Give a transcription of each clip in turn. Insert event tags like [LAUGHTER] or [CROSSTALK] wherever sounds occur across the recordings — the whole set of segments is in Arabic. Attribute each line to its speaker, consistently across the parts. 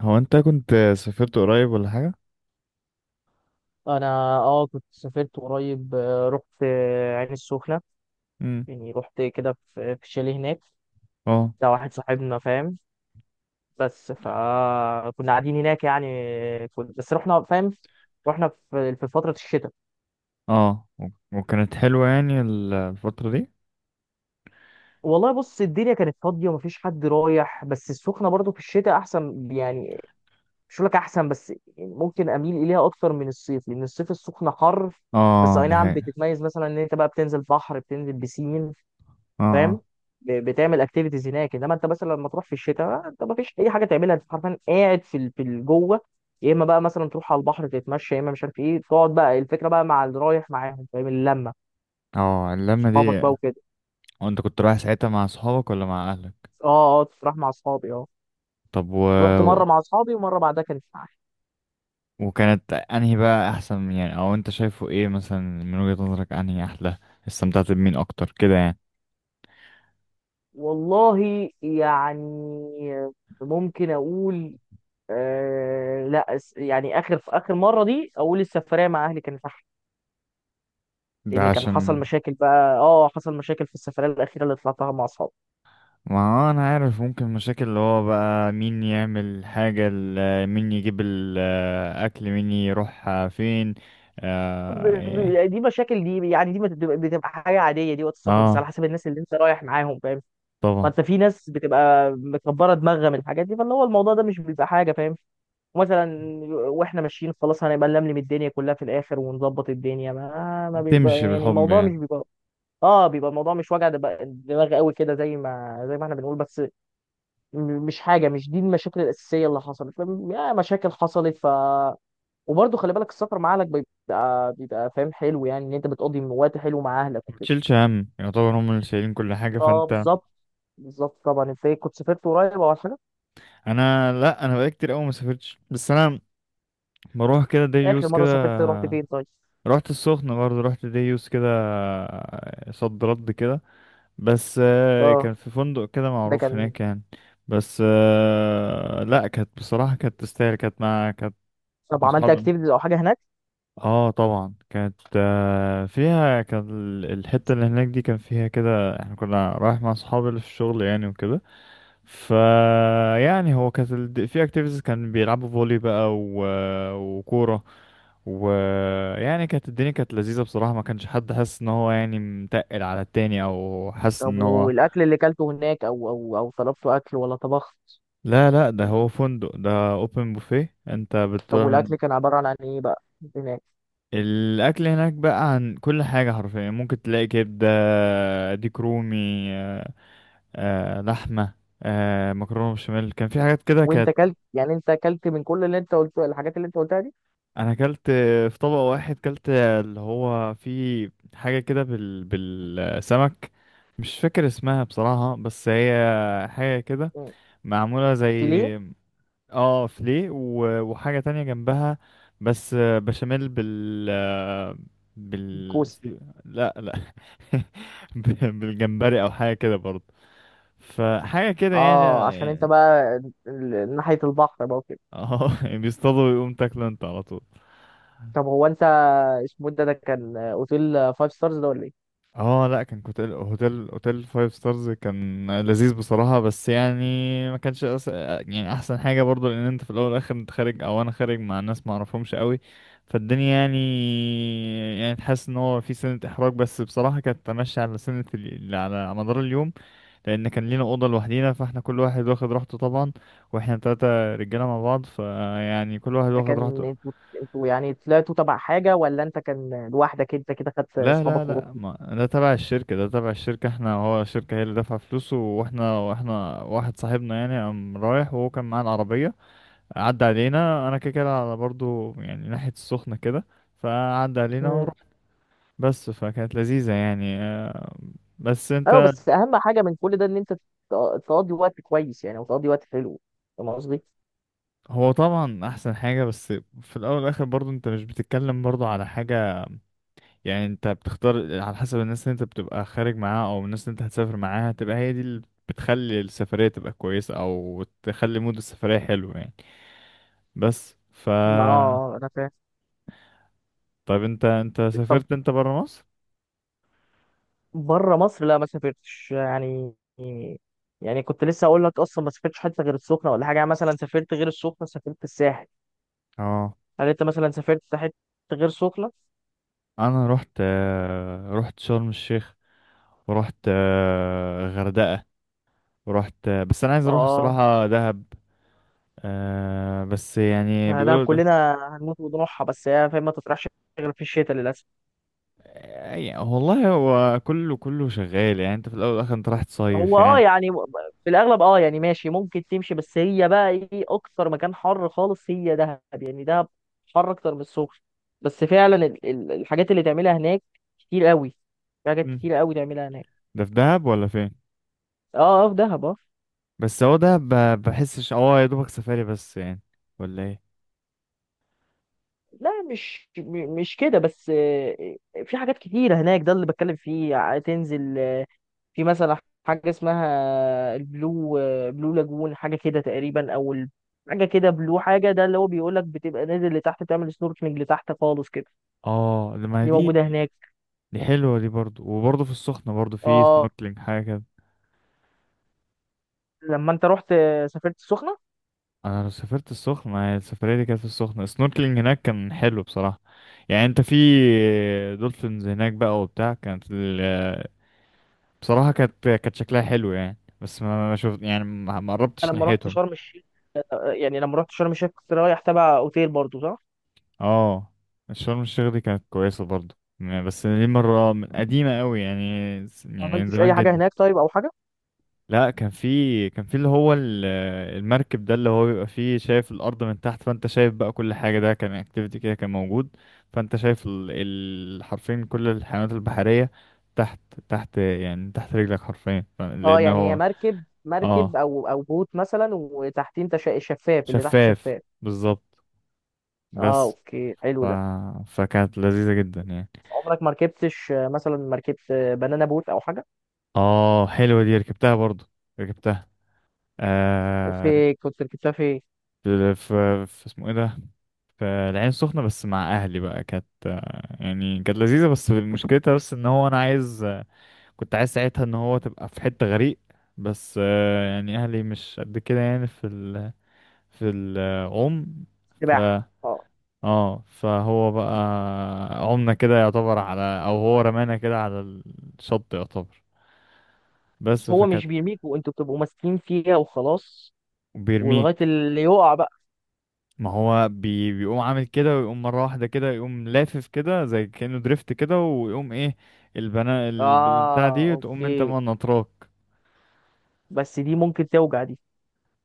Speaker 1: هو انت كنت سافرت قريب ولا حاجة؟
Speaker 2: انا، اه، كنت سافرت قريب، رحت عين السخنه.
Speaker 1: امم.
Speaker 2: يعني رحت كده في شاليه هناك.
Speaker 1: اه.
Speaker 2: ده واحد صاحبنا، فاهم؟ بس فكنا قاعدين هناك يعني. كنت بس رحنا، فاهم، رحنا في فتره الشتاء.
Speaker 1: اه و- وكانت حلوة يعني الفترة دي؟
Speaker 2: والله، بص، الدنيا كانت فاضيه ومفيش حد رايح، بس السخنه برضو في الشتاء احسن يعني. مش هقول لك احسن، بس ممكن اميل اليها اكتر من الصيف، لان الصيف السخنه حر. بس
Speaker 1: اه،
Speaker 2: اي
Speaker 1: دي
Speaker 2: نعم،
Speaker 1: حقيقة.
Speaker 2: بتتميز مثلا ان انت بقى بتنزل بحر، بتنزل بسين،
Speaker 1: اه،
Speaker 2: فاهم،
Speaker 1: اه.
Speaker 2: بتعمل اكتيفيتيز هناك. انما انت مثلا لما تروح في الشتاء، انت ما فيش اي حاجه تعملها، انت حرفيا قاعد جوه. يا اما بقى مثلا تروح على البحر تتمشى، يا اما مش عارف ايه، تقعد بقى، الفكره بقى مع اللي رايح معاهم، فاهم، اللمه،
Speaker 1: اه، اللمة
Speaker 2: اصحابك
Speaker 1: دي.
Speaker 2: بقى وكده.
Speaker 1: وانت كنت رايح ساعتها مع صحابك ولا مع اهلك؟
Speaker 2: اه، اه، تروح مع اصحابي، اه.
Speaker 1: طب و...
Speaker 2: رحت مره مع اصحابي، ومره بعدها كانت معايا.
Speaker 1: وكانت انهي بقى احسن يعني، او انت شايفه ايه مثلا من وجهة نظرك انهي احلى؟ استمتعت بمين اكتر كده يعني.
Speaker 2: والله يعني، ممكن اقول، آه لا أس- يعني اخر اخر مره دي اقول السفريه مع اهلي كانت.
Speaker 1: ده
Speaker 2: لان كان حصل
Speaker 1: عشان.
Speaker 2: مشاكل بقى، حصل مشاكل في السفريه الاخيره اللي طلعتها مع اصحابي.
Speaker 1: ما انا عارف، ممكن مشاكل اللي هو بقى مين يعمل حاجة، مين يجيب الاكل، مين يروح فين. اه، إيه.
Speaker 2: يعني دي مشاكل، دي يعني دي بتبقى حاجه عاديه دي وقت السفر، بس على
Speaker 1: آه،
Speaker 2: حسب الناس اللي انت رايح معاهم، فاهم. ما
Speaker 1: طبعا.
Speaker 2: انت في ناس بتبقى مكبره دماغها من الحاجات دي، فاللي هو الموضوع ده مش بيبقى حاجه، فاهم. ومثلا، واحنا ماشيين خلاص، هنبقى نلملم الدنيا كلها في الاخر ونظبط الدنيا، ما بيبقى
Speaker 1: تمشي
Speaker 2: يعني
Speaker 1: بالحب
Speaker 2: الموضوع مش
Speaker 1: يعني.
Speaker 2: بيبقى. اه بيبقى الموضوع مش وجع دماغ قوي كده، زي ما احنا بنقول بس. مش حاجه، مش دي المشاكل الاساسيه اللي حصلت، فاهم؟ يا مشاكل حصلت. وبرضه خلي بالك، السفر مع اهلك بيبقى فاهم، حلو يعني. ان انت بتقضي وقت حلو مع اهلك وكده.
Speaker 1: متشيلش هم، يعتبر هم اللي شايلين كل حاجة
Speaker 2: اه،
Speaker 1: فانت.
Speaker 2: بالظبط. بالظبط طبعا. انت إيه، كنت سافرت قريب او حاجه؟
Speaker 1: انا، لا، انا بقالي كتير قوي ما سافرتش، بس انا بروح كده
Speaker 2: اخر
Speaker 1: ديوس
Speaker 2: مره
Speaker 1: كده.
Speaker 2: سافرت رحت فين طيب؟
Speaker 1: رحت السخنة برضه، رحت ديوس كده، صد رد كده. بس آه،
Speaker 2: اه،
Speaker 1: كان في فندق كده
Speaker 2: ده
Speaker 1: معروف
Speaker 2: كان.
Speaker 1: هناك يعني. بس آه، لا، كانت بصراحة كانت تستاهل، كانت
Speaker 2: طب
Speaker 1: مع
Speaker 2: عملت
Speaker 1: أصحابي.
Speaker 2: اكتيفيتيز او حاجه هناك؟
Speaker 1: اه طبعا كانت، فيها كان الحتة اللي هناك دي كان فيها كده، احنا كنا رايح مع أصحابي اللي في الشغل يعني وكده. ف يعني هو كانت في اكتيفيتيز، كان بيلعبوا فولي بقى وكورة. ويعني كانت الدنيا كانت لذيذة بصراحة، ما كانش حد حاسس ان هو يعني متقل على التاني، او حاسس
Speaker 2: طب
Speaker 1: ان هو.
Speaker 2: والاكل اللي كلته هناك، او طلبت اكل ولا طبخت؟
Speaker 1: لا لا، ده
Speaker 2: كان
Speaker 1: هو
Speaker 2: ايه؟
Speaker 1: فندق، ده اوبن بوفيه، انت
Speaker 2: طب والاكل
Speaker 1: بتعمل.
Speaker 2: كان عباره عن ايه بقى هناك؟
Speaker 1: الاكل هناك بقى عن كل حاجه حرفيا، ممكن تلاقي كبده، ديك رومي، آه، لحمه، مكرونه بشاميل، كان في حاجات كده
Speaker 2: وانت
Speaker 1: كانت.
Speaker 2: كلت يعني، انت كلت من كل اللي انت قلته، الحاجات اللي انت قلتها؟
Speaker 1: انا اكلت في طبق واحد، اكلت اللي هو في حاجه كده بال بالسمك، مش فاكر اسمها بصراحه، بس هي حاجه كده
Speaker 2: دي
Speaker 1: معموله زي.
Speaker 2: سيليه؟
Speaker 1: اه فلي وحاجة تانية جنبها، بس آه، بشاميل بال، بال.
Speaker 2: الكوسي؟
Speaker 1: لا لا [LAUGHS] بالجمبري او حاجة كده برضه، فحاجة كده يعني
Speaker 2: اه، عشان انت
Speaker 1: يعني.
Speaker 2: بقى ناحية البحر بقى وكده.
Speaker 1: اه [LAUGHS] بيصطادوا ويقوم تاكله انت على طول.
Speaker 2: طب هو انت اسمه إيه ده؟ ده كان اوتيل فايف ستارز ده ولا ايه؟
Speaker 1: اه لا، كان هوتيل، هوتيل فايف ستارز، كان لذيذ بصراحة بس يعني ما كانش أس... يعني احسن حاجة برضو، لان انت في الاول والاخر انت خارج، او انا خارج مع ناس ما اعرفهمش قوي. فالدنيا يعني، يعني تحس ان هو في سنة احراج، بس بصراحة كانت تمشي على سنة على مدار اليوم. لان كان لينا اوضة لوحدينا، فاحنا كل واحد واخد راحته طبعا، واحنا تلاتة رجالة مع بعض، فيعني كل واحد
Speaker 2: ده
Speaker 1: واخد
Speaker 2: كان
Speaker 1: راحته.
Speaker 2: انتوا يعني طلعتوا تبع حاجة، ولا انت كان لوحدك انت كده خدت
Speaker 1: لا لا
Speaker 2: اصحابك
Speaker 1: لا،
Speaker 2: ورحتوا؟
Speaker 1: ما ده تبع الشركة، ده تبع الشركة، احنا هو الشركة هي اللي دافعة فلوسه، واحنا واحد صاحبنا يعني قام رايح، وهو كان معاه العربية، عدى علينا، انا كده كده على برضو يعني ناحية السخنة كده، فعدى علينا
Speaker 2: امم.
Speaker 1: ورحت. بس فكانت لذيذة يعني. بس انت.
Speaker 2: ايوه، بس اهم حاجة من كل ده ان انت تقضي وقت كويس يعني، وتقضي وقت حلو. فاهم قصدي؟
Speaker 1: هو طبعا احسن حاجة، بس في الاول والاخر برضو انت مش بتتكلم برضو على حاجة، يعني انت بتختار على حسب الناس اللي انت بتبقى خارج معاها، او الناس اللي انت هتسافر معاها، تبقى هي دي اللي بتخلي السفرية تبقى كويسة، او تخلي مود السفرية حلو يعني. بس ف.
Speaker 2: ما انا فاهم.
Speaker 1: طيب انت، انت سافرت انت برا مصر؟
Speaker 2: بره مصر؟ لا، ما سافرتش يعني. يعني كنت لسه اقول لك اصلا، ما سافرتش حته غير السخنه ولا حاجه. يعني مثلا سافرت غير السخنه، سافرت الساحل.
Speaker 1: اه،
Speaker 2: هل انت مثلا سافرت حته غير سخنه؟
Speaker 1: انا رحت، رحت شرم الشيخ، ورحت غردقة، ورحت آه، بس انا عايز اروح
Speaker 2: اه،
Speaker 1: الصراحة دهب. بس يعني
Speaker 2: يعني ده
Speaker 1: بيقولوا ده.
Speaker 2: كلنا هنموت ونروحها، بس هي فاهم ما تطرحش غير في الشتاء للاسف.
Speaker 1: يعني والله هو كله كله شغال، يعني انت في الاول والاخر انت رايح تصيف
Speaker 2: هو
Speaker 1: يعني.
Speaker 2: يعني في الاغلب، يعني ماشي، ممكن تمشي. بس هي بقى ايه، اكتر مكان حر خالص هي دهب يعني. دهب حر اكتر من السخنه. بس فعلا الحاجات اللي تعملها هناك كتير قوي. في حاجات كتير قوي تعملها هناك.
Speaker 1: ده في دهب ولا فين؟
Speaker 2: اه، اه، في دهب، اه.
Speaker 1: بس هو دهب بحسش اه يا دوبك سفاري بس يعني، ولا ايه.
Speaker 2: لا، مش كده بس، في حاجات كتيرة هناك ده اللي بتكلم فيه. تنزل، في مثلا حاجة اسمها البلو، بلو لاجون حاجة كده تقريبا. أو حاجة كده بلو حاجة، ده اللي هو بيقولك بتبقى نازل لتحت، تعمل سنوركلينج لتحت خالص كده.
Speaker 1: اه لما
Speaker 2: دي
Speaker 1: دي،
Speaker 2: موجودة هناك.
Speaker 1: دي حلوه دي برضو، وبرضو في السخنه برضو في
Speaker 2: اه،
Speaker 1: سنوركلينج حاجه كده.
Speaker 2: لما انت رحت سافرت السخنة.
Speaker 1: انا لو سافرت السخنه، ما هي السفريه دي كانت في السخنه، السنوركلينج هناك كان حلو بصراحه يعني، انت في دولفينز هناك بقى وبتاع، كانت بصراحه كانت شكلها حلو يعني، بس ما شفت يعني ما
Speaker 2: انا
Speaker 1: قربتش
Speaker 2: لما رحت
Speaker 1: ناحيتهم.
Speaker 2: شرم الشيخ، يعني لما رحت شرم الشيخ كنت رايح تبع اوتيل برضو، صح؟
Speaker 1: اه، شرم الشيخ دي كانت كويسة برضو يعني، بس دي مرة من قديمة قوي يعني،
Speaker 2: ما
Speaker 1: يعني من
Speaker 2: عملتش
Speaker 1: زمان
Speaker 2: اي حاجة
Speaker 1: جدا.
Speaker 2: هناك طيب او حاجة؟
Speaker 1: لا، كان في، كان في اللي هو المركب ده اللي هو بيبقى فيه، شايف الأرض من تحت، فأنت شايف بقى كل حاجة، ده كان اكتيفيتي كده كان موجود. فأنت شايف حرفيا كل الحيوانات البحرية تحت، تحت يعني تحت رجلك حرفيا،
Speaker 2: اه،
Speaker 1: لأنه
Speaker 2: يعني هي
Speaker 1: هو.
Speaker 2: مركب
Speaker 1: اه
Speaker 2: او بوت مثلا، وتحتيه انت شفاف، اللي تحت
Speaker 1: شفاف
Speaker 2: شفاف.
Speaker 1: بالظبط.
Speaker 2: اه،
Speaker 1: بس
Speaker 2: اوكي،
Speaker 1: ف.
Speaker 2: حلو ده.
Speaker 1: فكانت لذيذة جدا يعني.
Speaker 2: عمرك ما ركبتش مثلا مركبت بنانا بوت او حاجه؟
Speaker 1: اه حلوة دي، ركبتها برضو، ركبتها. آه.
Speaker 2: في كنت ركبتها في.
Speaker 1: في, في اسمه ايه ده؟ في العين السخنة بس مع اهلي بقى، كانت يعني كانت لذيذة، بس مشكلتها بس ان هو انا عايز، كنت عايز ساعتها ان هو تبقى في حتة غريق، بس آه يعني اهلي مش قد كده يعني في في العوم. ف.
Speaker 2: سباحه. اه،
Speaker 1: اه فهو بقى، عمنا كده يعتبر على، او هو رمانا كده على الشط يعتبر. بس
Speaker 2: بس هو
Speaker 1: فكانت.
Speaker 2: مش بيرميك وانتوا بتبقوا ماسكين فيها وخلاص، ولغايه
Speaker 1: وبيرميك.
Speaker 2: اللي يقع بقى.
Speaker 1: ما هو بيقوم عامل كده ويقوم مرة واحدة كده، يقوم لافف كده زي كأنه دريفت كده، ويقوم ايه، البنا البتاع
Speaker 2: اه،
Speaker 1: دي، تقوم انت
Speaker 2: اوكي.
Speaker 1: ما نطراك.
Speaker 2: بس دي ممكن توجع دي.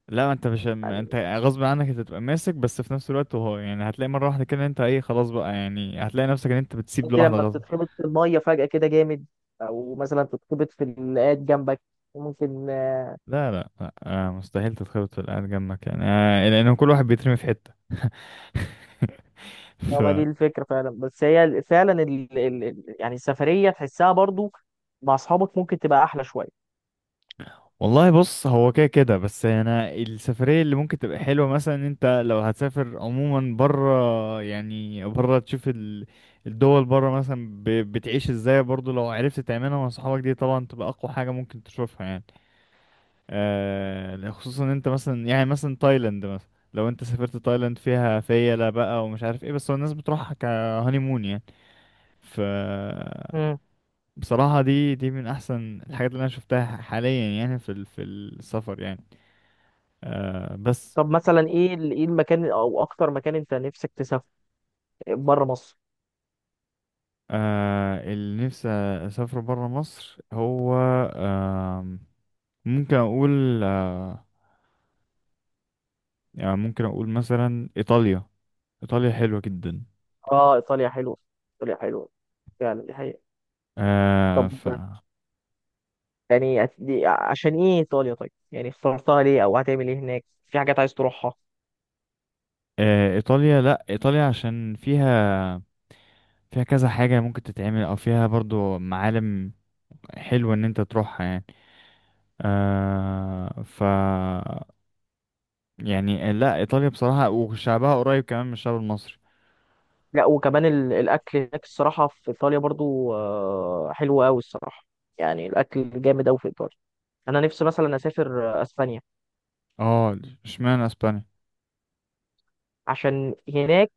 Speaker 1: لا، انت مش م-
Speaker 2: يعني
Speaker 1: انت غصب عنك انت تبقى ماسك، بس في نفس الوقت هو يعني هتلاقي مرة واحدة كده انت ايه، خلاص بقى، يعني هتلاقي نفسك ان انت بتسيب
Speaker 2: قصدي،
Speaker 1: لوحدة
Speaker 2: لما
Speaker 1: غصب.
Speaker 2: بتتخبط في الميه فجاه كده جامد، او مثلا تتخبط في اللي قاعد جنبك، ممكن.
Speaker 1: لا لا، لا. آه مستحيل تتخبط في القعدة جنبك يعني، آه لأن كل واحد بيترمي في حتة [LAUGHS]
Speaker 2: اه،
Speaker 1: ف.
Speaker 2: ما دي الفكرة فعلا، بس هي فعلا يعني السفرية تحسها برضو مع أصحابك ممكن تبقى أحلى شوية.
Speaker 1: والله بص، هو كده كده، بس انا السفريه اللي ممكن تبقى حلوه، مثلا إن انت لو هتسافر عموما بره، يعني بره تشوف الدول بره مثلا، بتعيش ازاي، برضو لو عرفت تعملها مع صحابك دي، طبعا تبقى اقوى حاجه ممكن تشوفها يعني. آه، خصوصا ان انت مثلا يعني مثلا تايلاند، مثلا لو انت سافرت تايلاند فيها فيلا بقى، ومش عارف ايه، بس هو الناس بتروحها كهانيمون يعني. ف.
Speaker 2: امم.
Speaker 1: بصراحه دي من احسن الحاجات اللي انا شفتها حاليا يعني في في السفر يعني. آه بس.
Speaker 2: طب مثلا إيه المكان أو أكتر مكان أنت نفسك تسافر بره مصر؟
Speaker 1: آه اللي نفسي أسافر برا مصر هو، آه، ممكن أقول آه، يعني ممكن أقول مثلا إيطاليا. إيطاليا حلوة جدا.
Speaker 2: آه، إيطاليا حلوة. إيطاليا حلوة فعلا، دي حقيقة.
Speaker 1: آه
Speaker 2: طب
Speaker 1: ف.
Speaker 2: يعني عشان إيه إيطاليا طيب؟ يعني اخترتها ليه أو هتعمل إيه هناك؟ في حاجات عايز تروحها؟
Speaker 1: آه إيطاليا، لأ إيطاليا عشان فيها، فيها كذا حاجة ممكن تتعمل، أو فيها برضو معالم حلوة إن أنت تروحها يعني. آه ف، يعني لأ إيطاليا بصراحة، وشعبها قريب كمان من الشعب المصري.
Speaker 2: لا، وكمان الأكل هناك، الصراحة في إيطاليا برضو حلو أوي، الصراحة. يعني الأكل جامد أوي في إيطاليا. أنا نفسي مثلا أسافر أسبانيا.
Speaker 1: اه اشمعنى اسبانيا.
Speaker 2: عشان هناك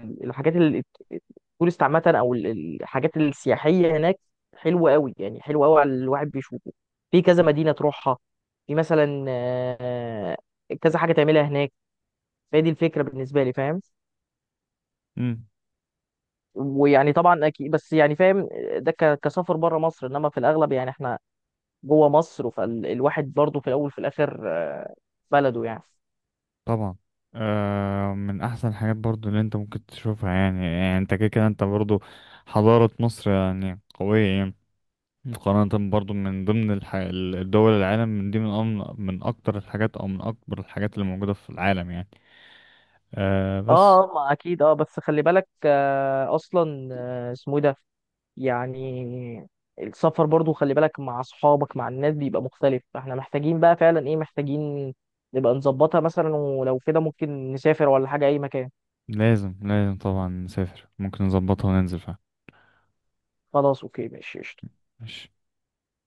Speaker 2: الحاجات التورست عامة، أو الحاجات السياحية هناك حلوة قوي يعني، حلوة قوي على الواحد بيشوفه. في كذا مدينة تروحها. في مثلا كذا حاجة تعملها هناك. فهي دي الفكرة بالنسبة لي، فاهم.
Speaker 1: مم.
Speaker 2: ويعني طبعا أكيد بس يعني، فاهم، ده كسفر بره مصر. إنما في الأغلب يعني إحنا جوه مصر، فالواحد برضه في الأول وفي الآخر، بلده يعني.
Speaker 1: طبعا. آه من احسن الحاجات برضو اللي انت ممكن تشوفها يعني، يعني انت كده كده انت برضو حضارة مصر يعني قوية يعني، مقارنة برضو من ضمن الدول العالم من دي، من من اكتر الحاجات او من اكبر الحاجات اللي موجودة في العالم يعني. آه
Speaker 2: اه،
Speaker 1: بس.
Speaker 2: ما اكيد، بس خلي بالك اصلا، اسمه إيه ده يعني، السفر برضو خلي بالك مع اصحابك، مع الناس بيبقى مختلف. فاحنا محتاجين بقى فعلا ايه، محتاجين نبقى نظبطها مثلا، ولو كده ممكن نسافر ولا حاجة اي مكان.
Speaker 1: لازم طبعا نسافر، ممكن نظبطها وننزل فيها.
Speaker 2: خلاص، اوكي، ماشي، قشطة.
Speaker 1: ماشي.